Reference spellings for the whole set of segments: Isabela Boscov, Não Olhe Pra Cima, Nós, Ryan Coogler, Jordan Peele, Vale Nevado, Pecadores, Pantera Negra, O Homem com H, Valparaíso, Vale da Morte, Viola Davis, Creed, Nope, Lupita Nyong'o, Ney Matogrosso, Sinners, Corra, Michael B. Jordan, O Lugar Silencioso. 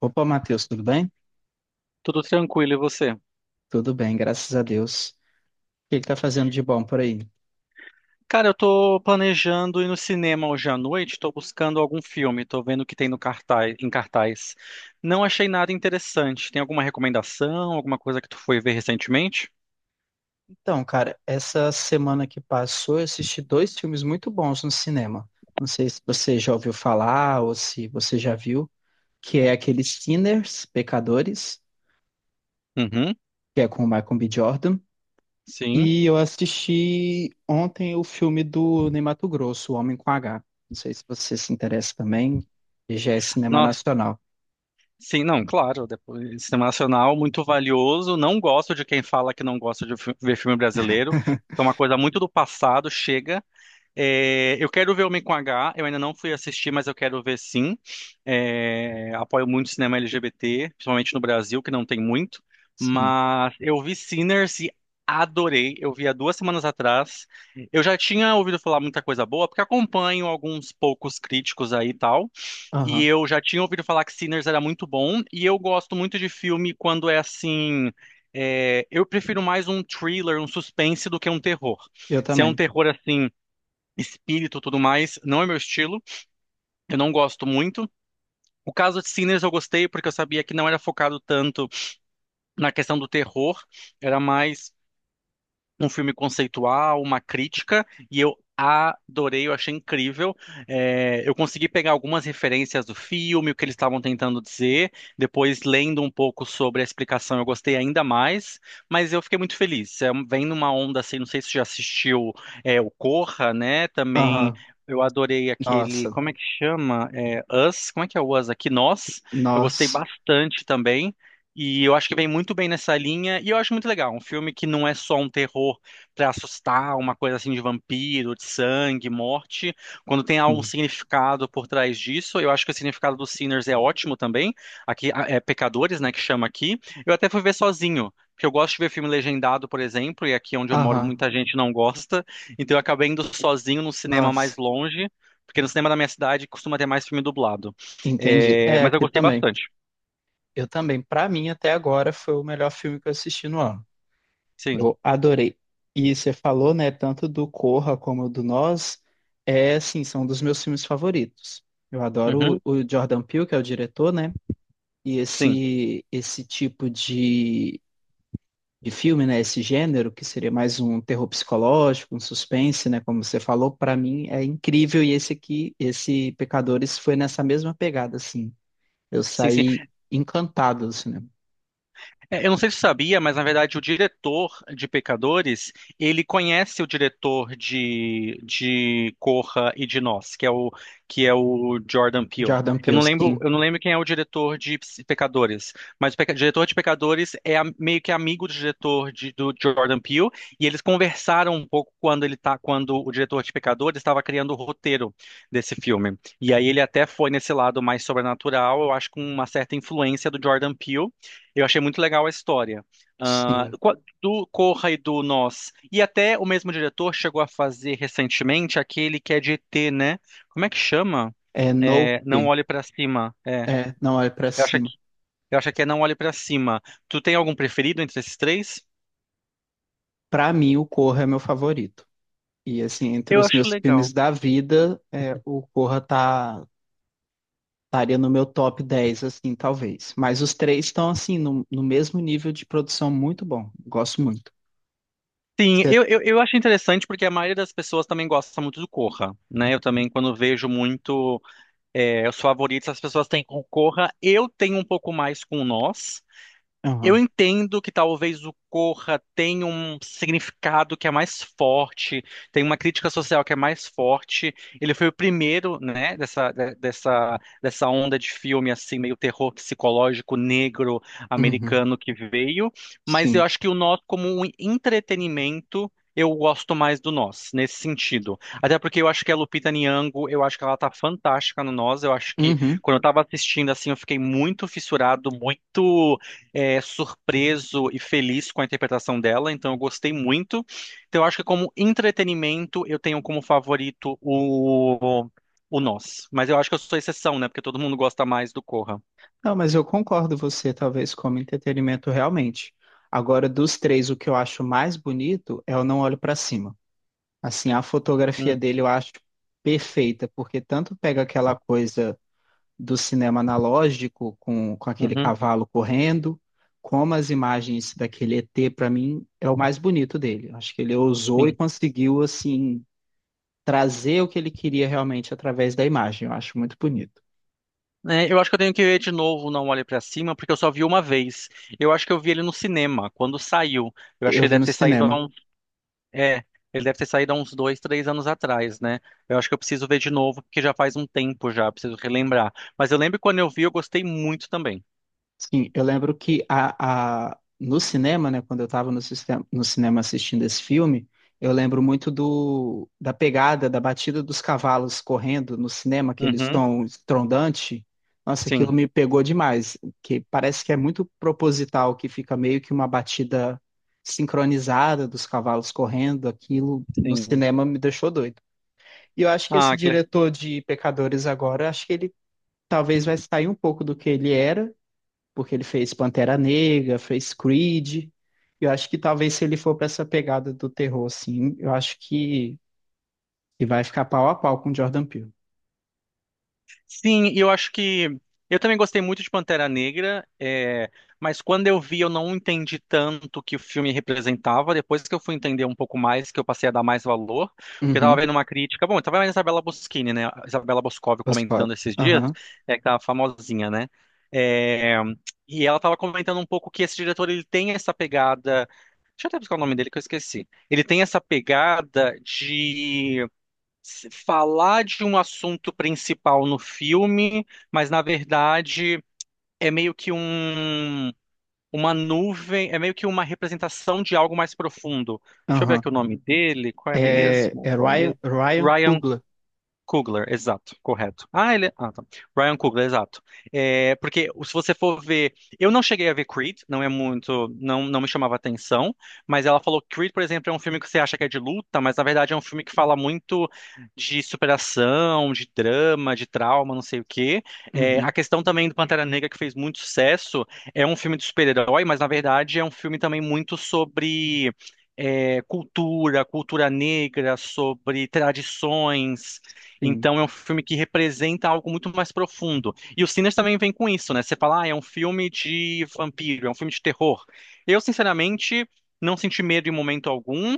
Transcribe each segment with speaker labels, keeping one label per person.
Speaker 1: Opa, Matheus, tudo bem?
Speaker 2: Tudo tranquilo, e você?
Speaker 1: Tudo bem, graças a Deus. O que tá fazendo de bom por aí?
Speaker 2: Cara, eu tô planejando ir no cinema hoje à noite, tô buscando algum filme, tô vendo o que tem em cartaz. Não achei nada interessante. Tem alguma recomendação, alguma coisa que tu foi ver recentemente?
Speaker 1: Então, cara, essa semana que passou, eu assisti dois filmes muito bons no cinema. Não sei se você já ouviu falar ou se você já viu, que é aquele Sinners, Pecadores,
Speaker 2: Uhum,
Speaker 1: que é com o Michael B. Jordan.
Speaker 2: sim.
Speaker 1: E eu assisti ontem o filme do Ney Matogrosso, O Homem com H. Não sei se você se interessa também, e já é cinema
Speaker 2: Nossa,
Speaker 1: nacional.
Speaker 2: sim, não, claro, depois, cinema nacional, muito valioso. Não gosto de quem fala que não gosta de ver filme brasileiro. É uma coisa muito do passado, chega. É, eu quero ver Homem com H, eu ainda não fui assistir, mas eu quero ver sim. É, apoio muito o cinema LGBT, principalmente no Brasil, que não tem muito.
Speaker 1: Sim.
Speaker 2: Mas eu vi Sinners e adorei. Eu vi há 2 semanas atrás. Eu já tinha ouvido falar muita coisa boa, porque acompanho alguns poucos críticos aí e tal. E
Speaker 1: Aham.
Speaker 2: eu já tinha ouvido falar que Sinners era muito bom. E eu gosto muito de filme quando é assim. É, eu prefiro mais um thriller, um suspense do que um terror.
Speaker 1: Eu
Speaker 2: Se é um
Speaker 1: também.
Speaker 2: terror assim espírito e tudo mais, não é meu estilo, eu não gosto muito. O caso de Sinners eu gostei porque eu sabia que não era focado tanto na questão do terror, era mais um filme conceitual, uma crítica, e eu adorei, eu achei incrível. É, eu consegui pegar algumas referências do filme, o que eles estavam tentando dizer, depois lendo um pouco sobre a explicação, eu gostei ainda mais, mas eu fiquei muito feliz. É, vem numa onda assim, não sei se você já assistiu o Corra, né? Também.
Speaker 1: Aham.
Speaker 2: Eu adorei aquele,
Speaker 1: Nossa,
Speaker 2: como é que chama? É, Us, como é que é o Us aqui? Nós. Eu gostei
Speaker 1: Nós.
Speaker 2: bastante também. E eu acho que vem muito bem nessa linha, e eu acho muito legal. Um filme que não é só um terror pra assustar, uma coisa assim de vampiro, de sangue, morte. Quando tem algum
Speaker 1: Hum.
Speaker 2: significado por trás disso, eu acho que o significado do Sinners é ótimo também. Aqui, é Pecadores, né, que chama aqui. Eu até fui ver sozinho, porque eu gosto de ver filme legendado, por exemplo, e aqui onde eu moro
Speaker 1: Aham.
Speaker 2: muita gente não gosta. Então eu acabei indo sozinho no cinema mais
Speaker 1: Nossa.
Speaker 2: longe, porque no cinema da minha cidade costuma ter mais filme dublado.
Speaker 1: Entendi.
Speaker 2: É,
Speaker 1: É,
Speaker 2: mas eu
Speaker 1: aqui
Speaker 2: gostei
Speaker 1: também.
Speaker 2: bastante.
Speaker 1: Eu também. Pra mim, até agora, foi o melhor filme que eu assisti no ano.
Speaker 2: Sim.
Speaker 1: Eu adorei. E você falou, né, tanto do Corra como do Nós, é, assim, são dos meus filmes favoritos. Eu adoro
Speaker 2: Uhum.
Speaker 1: o Jordan Peele, que é o diretor, né? E
Speaker 2: Sim.
Speaker 1: esse tipo de filme, né? Esse gênero, que seria mais um terror psicológico, um suspense, né? Como você falou, pra mim é incrível. E esse aqui, esse Pecadores, foi nessa mesma pegada, assim. Eu
Speaker 2: Sim, sim.
Speaker 1: saí encantado do cinema.
Speaker 2: É, eu não sei se você sabia, mas na verdade o diretor de Pecadores, ele conhece o diretor de Corra e de Nós, que é o Jordan Peele.
Speaker 1: Jordan
Speaker 2: Eu
Speaker 1: Peele,
Speaker 2: não lembro,
Speaker 1: sim,
Speaker 2: eu não lembro quem é o diretor de Pecadores, mas o diretor de Pecadores é meio que amigo do diretor do Jordan Peele, e eles conversaram um pouco quando o diretor de Pecadores estava criando o roteiro desse filme. E aí ele até foi nesse lado mais sobrenatural, eu acho com uma certa influência do Jordan Peele. Eu achei muito legal a história. Ah,
Speaker 1: sim.
Speaker 2: do Corra e do Nós. E até o mesmo diretor chegou a fazer recentemente aquele que é de ET, né? Como é que chama?
Speaker 1: É
Speaker 2: É, Não
Speaker 1: Nope,
Speaker 2: Olhe Pra Cima. É,
Speaker 1: é Não Olhe Pra
Speaker 2: eu acho
Speaker 1: Cima.
Speaker 2: que, é Não Olhe Pra Cima. Tu tem algum preferido entre esses três?
Speaker 1: Pra mim, o Corra é meu favorito. E assim, entre
Speaker 2: Eu
Speaker 1: os
Speaker 2: acho
Speaker 1: meus filmes
Speaker 2: legal.
Speaker 1: da vida, é, o Corra tá, estaria no meu top 10 assim, talvez. Mas os três estão, assim, no, no mesmo nível de produção muito bom. Gosto muito.
Speaker 2: Sim,
Speaker 1: Você...
Speaker 2: eu acho interessante porque a maioria das pessoas também gosta muito do Corra, né? Eu também, quando vejo muito os favoritos, as pessoas têm com o Corra. Eu tenho um pouco mais com o Nós. Eu
Speaker 1: Aham.
Speaker 2: entendo que talvez o Corra tenha um significado que é mais forte, tem uma crítica social que é mais forte. Ele foi o primeiro, né, dessa onda de filme assim meio terror psicológico negro
Speaker 1: Uhum.
Speaker 2: americano que veio, mas eu
Speaker 1: Sim.
Speaker 2: acho que o nosso como um entretenimento. Eu gosto mais do Nós, nesse sentido. Até porque eu acho que a Lupita Nyong'o, eu acho que ela tá fantástica no Nós. Eu acho que
Speaker 1: Uhum.
Speaker 2: quando eu tava assistindo assim, eu fiquei muito fissurado, muito surpreso e feliz com a interpretação dela, então eu gostei muito. Então eu acho que como entretenimento eu tenho como favorito o Nós. Mas eu acho que eu sou exceção, né? Porque todo mundo gosta mais do Corra.
Speaker 1: Não, mas eu concordo você, talvez, como entretenimento realmente. Agora, dos três, o que eu acho mais bonito é o Não Olho Pra Cima. Assim, a fotografia
Speaker 2: Hum,
Speaker 1: dele eu acho perfeita, porque tanto pega aquela coisa do cinema analógico com aquele
Speaker 2: uhum,
Speaker 1: cavalo correndo, como as imagens daquele ET, para mim, é o mais bonito dele. Acho que ele ousou e
Speaker 2: sim.
Speaker 1: conseguiu, assim, trazer o que ele queria realmente através da imagem. Eu acho muito bonito.
Speaker 2: É, eu acho que eu tenho que ver de novo Não Olhe Pra Cima, porque eu só vi uma vez. Eu acho que eu vi ele no cinema, quando saiu. Eu acho que
Speaker 1: Eu vi no cinema.
Speaker 2: É, ele deve ter saído há uns 2, 3 anos atrás, né? Eu acho que eu preciso ver de novo, porque já faz um tempo já, preciso relembrar. Mas eu lembro que quando eu vi, eu gostei muito também.
Speaker 1: Sim, eu lembro que no cinema, né, quando eu estava no, no cinema assistindo esse filme, eu lembro muito do, da pegada, da batida dos cavalos correndo no cinema, aquele
Speaker 2: Uhum,
Speaker 1: som estrondante. Nossa, aquilo
Speaker 2: sim,
Speaker 1: me pegou demais, que parece que é muito proposital, que fica meio que uma batida sincronizada dos cavalos correndo. Aquilo no
Speaker 2: sim.
Speaker 1: cinema me deixou doido. E eu acho que esse
Speaker 2: Ah, que
Speaker 1: diretor de Pecadores agora, acho que ele talvez vai sair um pouco do que ele era porque ele fez Pantera Negra, fez Creed. Eu acho que talvez se ele for para essa pegada do terror, assim, eu acho que ele vai ficar pau a pau com o Jordan Peele.
Speaker 2: sim, eu acho que eu também gostei muito de Pantera Negra, mas quando eu vi eu não entendi tanto o que o filme representava. Depois que eu fui entender um pouco mais, que eu passei a dar mais valor, porque eu tava
Speaker 1: Uhum,
Speaker 2: vendo uma crítica. Bom, eu tava vendo a Isabela Boschini, né? A Isabela Boscov
Speaker 1: os
Speaker 2: comentando
Speaker 1: quatro.
Speaker 2: esses dias,
Speaker 1: Aham,
Speaker 2: é aquela famosinha, né? É, e ela tava comentando um pouco que esse diretor ele tem essa pegada. Deixa eu até buscar o nome dele que eu esqueci. Ele tem essa pegada de falar de um assunto principal no filme, mas na verdade é meio que uma nuvem, é meio que uma representação de algo mais profundo. Deixa eu ver
Speaker 1: aham.
Speaker 2: aqui o nome dele, qual é
Speaker 1: É,
Speaker 2: mesmo?
Speaker 1: é
Speaker 2: Qual
Speaker 1: Ryan,
Speaker 2: mesmo?
Speaker 1: Ryan Coogler.
Speaker 2: Coogler, exato, correto. Ah, ele. Ah, tá. Ryan Coogler, exato. É, porque se você for ver. Eu não cheguei a ver Creed, não é muito. Não, não me chamava atenção, mas ela falou que Creed, por exemplo, é um filme que você acha que é de luta, mas na verdade é um filme que fala muito de superação, de drama, de trauma, não sei o quê. É, a
Speaker 1: Uhum,
Speaker 2: questão também do Pantera Negra, que fez muito sucesso, é um filme de super-herói, mas na verdade é um filme também muito sobre, cultura, cultura negra, sobre tradições,
Speaker 1: sim.
Speaker 2: então é um filme que representa algo muito mais profundo. E o Sinners também vem com isso, né? Você fala, ah, é um filme de vampiro, é um filme de terror. Eu, sinceramente, não senti medo em momento algum,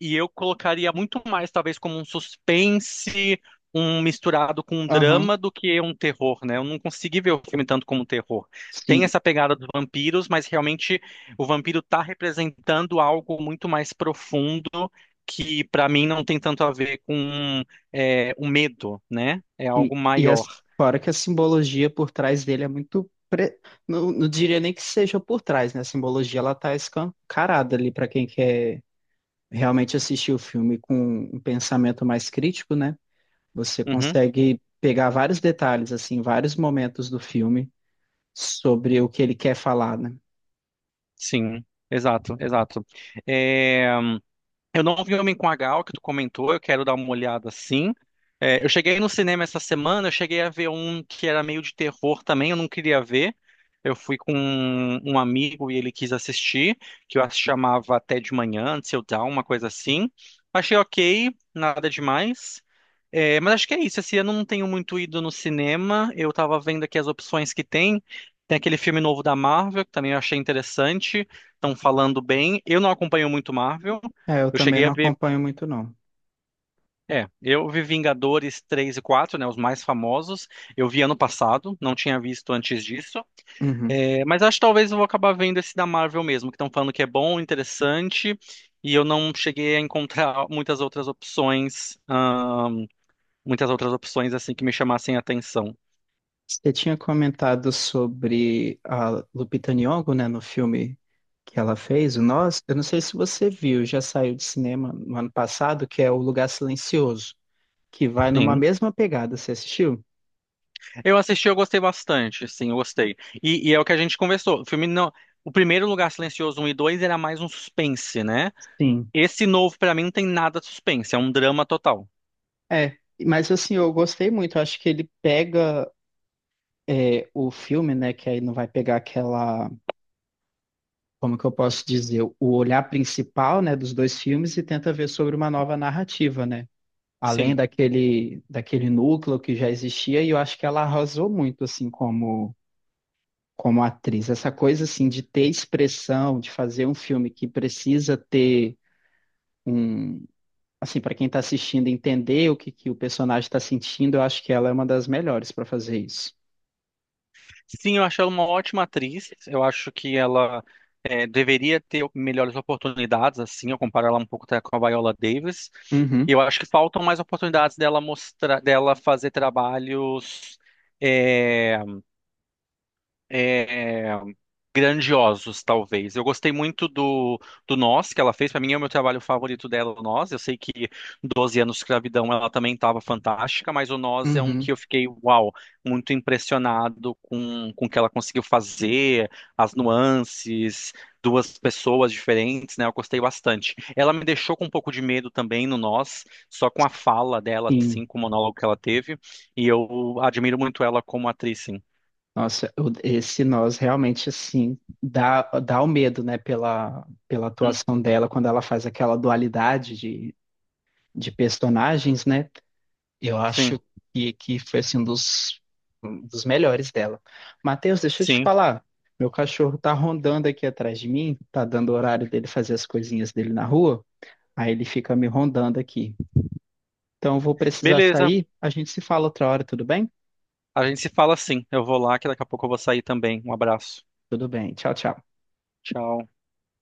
Speaker 2: e eu colocaria muito mais, talvez, como um suspense, um misturado com um
Speaker 1: Aham,
Speaker 2: drama do que um terror, né? Eu não consegui ver o filme tanto como um terror. Tem
Speaker 1: sim,
Speaker 2: essa pegada dos vampiros, mas realmente o vampiro está representando algo muito mais profundo que para mim não tem tanto a ver com o medo, né? É
Speaker 1: sim.
Speaker 2: algo
Speaker 1: E
Speaker 2: maior.
Speaker 1: as, fora que a simbologia por trás dele é muito. Não, não diria nem que seja por trás, né? A simbologia ela tá escancarada ali para quem quer realmente assistir o filme com um pensamento mais crítico, né? Você
Speaker 2: Uhum,
Speaker 1: consegue pegar vários detalhes, assim, vários momentos do filme sobre o que ele quer falar, né?
Speaker 2: sim, exato, exato. É, eu não vi Homem com a Gal, que tu comentou, eu quero dar uma olhada sim. É, eu cheguei no cinema essa semana, eu cheguei a ver um que era meio de terror também, eu não queria ver. Eu fui com um amigo e ele quis assistir, que eu acho que chamava Até de Manhã, Antes eu Dawn, uma coisa assim. Achei ok, nada demais. É, mas acho que é isso, esse ano eu não tenho muito ido no cinema, eu tava vendo aqui as opções que tem. Tem aquele filme novo da Marvel, que também eu achei interessante, estão falando bem. Eu não acompanho muito Marvel.
Speaker 1: É, eu
Speaker 2: Eu
Speaker 1: também
Speaker 2: cheguei a
Speaker 1: não
Speaker 2: ver.
Speaker 1: acompanho muito, não.
Speaker 2: É, eu vi Vingadores 3 e 4, né? Os mais famosos. Eu vi ano passado, não tinha visto antes disso.
Speaker 1: Uhum.
Speaker 2: É, mas acho que talvez eu vou acabar vendo esse da Marvel mesmo, que estão falando que é bom, interessante. E eu não cheguei a encontrar muitas outras opções assim que me chamassem a atenção.
Speaker 1: Você tinha comentado sobre a Lupita Nyong'o, né, no filme que ela fez, o Nós. Eu não sei se você viu, já saiu de cinema no ano passado, que é O Lugar Silencioso, que vai numa
Speaker 2: Sim.
Speaker 1: mesma pegada. Você assistiu?
Speaker 2: Eu assisti, eu gostei bastante, sim, eu gostei. E é o que a gente conversou. O filme não. O primeiro Lugar Silencioso 1 e 2 era mais um suspense, né?
Speaker 1: Sim.
Speaker 2: Esse novo, pra mim, não tem nada de suspense, é um drama total.
Speaker 1: É, mas assim, eu gostei muito. Eu acho que ele pega é, o filme, né, que aí não vai pegar aquela como que eu posso dizer, o olhar principal, né, dos dois filmes e tenta ver sobre uma nova narrativa, né? Além
Speaker 2: Sim.
Speaker 1: daquele núcleo que já existia, e eu acho que ela arrasou muito assim como como atriz. Essa coisa assim de ter expressão, de fazer um filme que precisa ter um assim para quem está assistindo entender o que o personagem está sentindo, eu acho que ela é uma das melhores para fazer isso.
Speaker 2: Sim, eu acho ela uma ótima atriz. Eu acho que ela deveria ter melhores oportunidades, assim, eu comparo ela um pouco até com a Viola Davis. E
Speaker 1: Uhum,
Speaker 2: eu acho que faltam mais oportunidades dela mostrar, dela fazer trabalhos é, grandiosos, talvez. Eu gostei muito do Nós, que ela fez. Para mim é o meu trabalho favorito dela, o Nós. Eu sei que 12 anos de escravidão ela também estava fantástica, mas o Nós é um que
Speaker 1: uhum.
Speaker 2: eu fiquei, uau, muito impressionado com o que ela conseguiu fazer, as nuances, duas pessoas diferentes, né? Eu gostei bastante. Ela me deixou com um pouco de medo também no Nós, só com a fala dela,
Speaker 1: Sim.
Speaker 2: assim, com o monólogo que ela teve. E eu admiro muito ela como atriz, sim.
Speaker 1: Nossa, o- esse nós realmente assim dá dá o medo, né, pela
Speaker 2: Hum,
Speaker 1: atuação dela quando ela faz aquela dualidade de personagens, né? Eu
Speaker 2: sim,
Speaker 1: acho que foi assim um dos melhores dela. Matheus, deixa eu te
Speaker 2: sim.
Speaker 1: falar. Meu cachorro tá rondando aqui atrás de mim, tá dando o horário dele fazer as coisinhas dele na rua, aí ele fica me rondando aqui. Então eu vou precisar
Speaker 2: Beleza,
Speaker 1: sair, a gente se fala outra hora, tudo bem?
Speaker 2: a gente se fala assim. Eu vou lá, que daqui a pouco eu vou sair também. Um abraço.
Speaker 1: Tudo bem. Tchau, tchau.
Speaker 2: Tchau.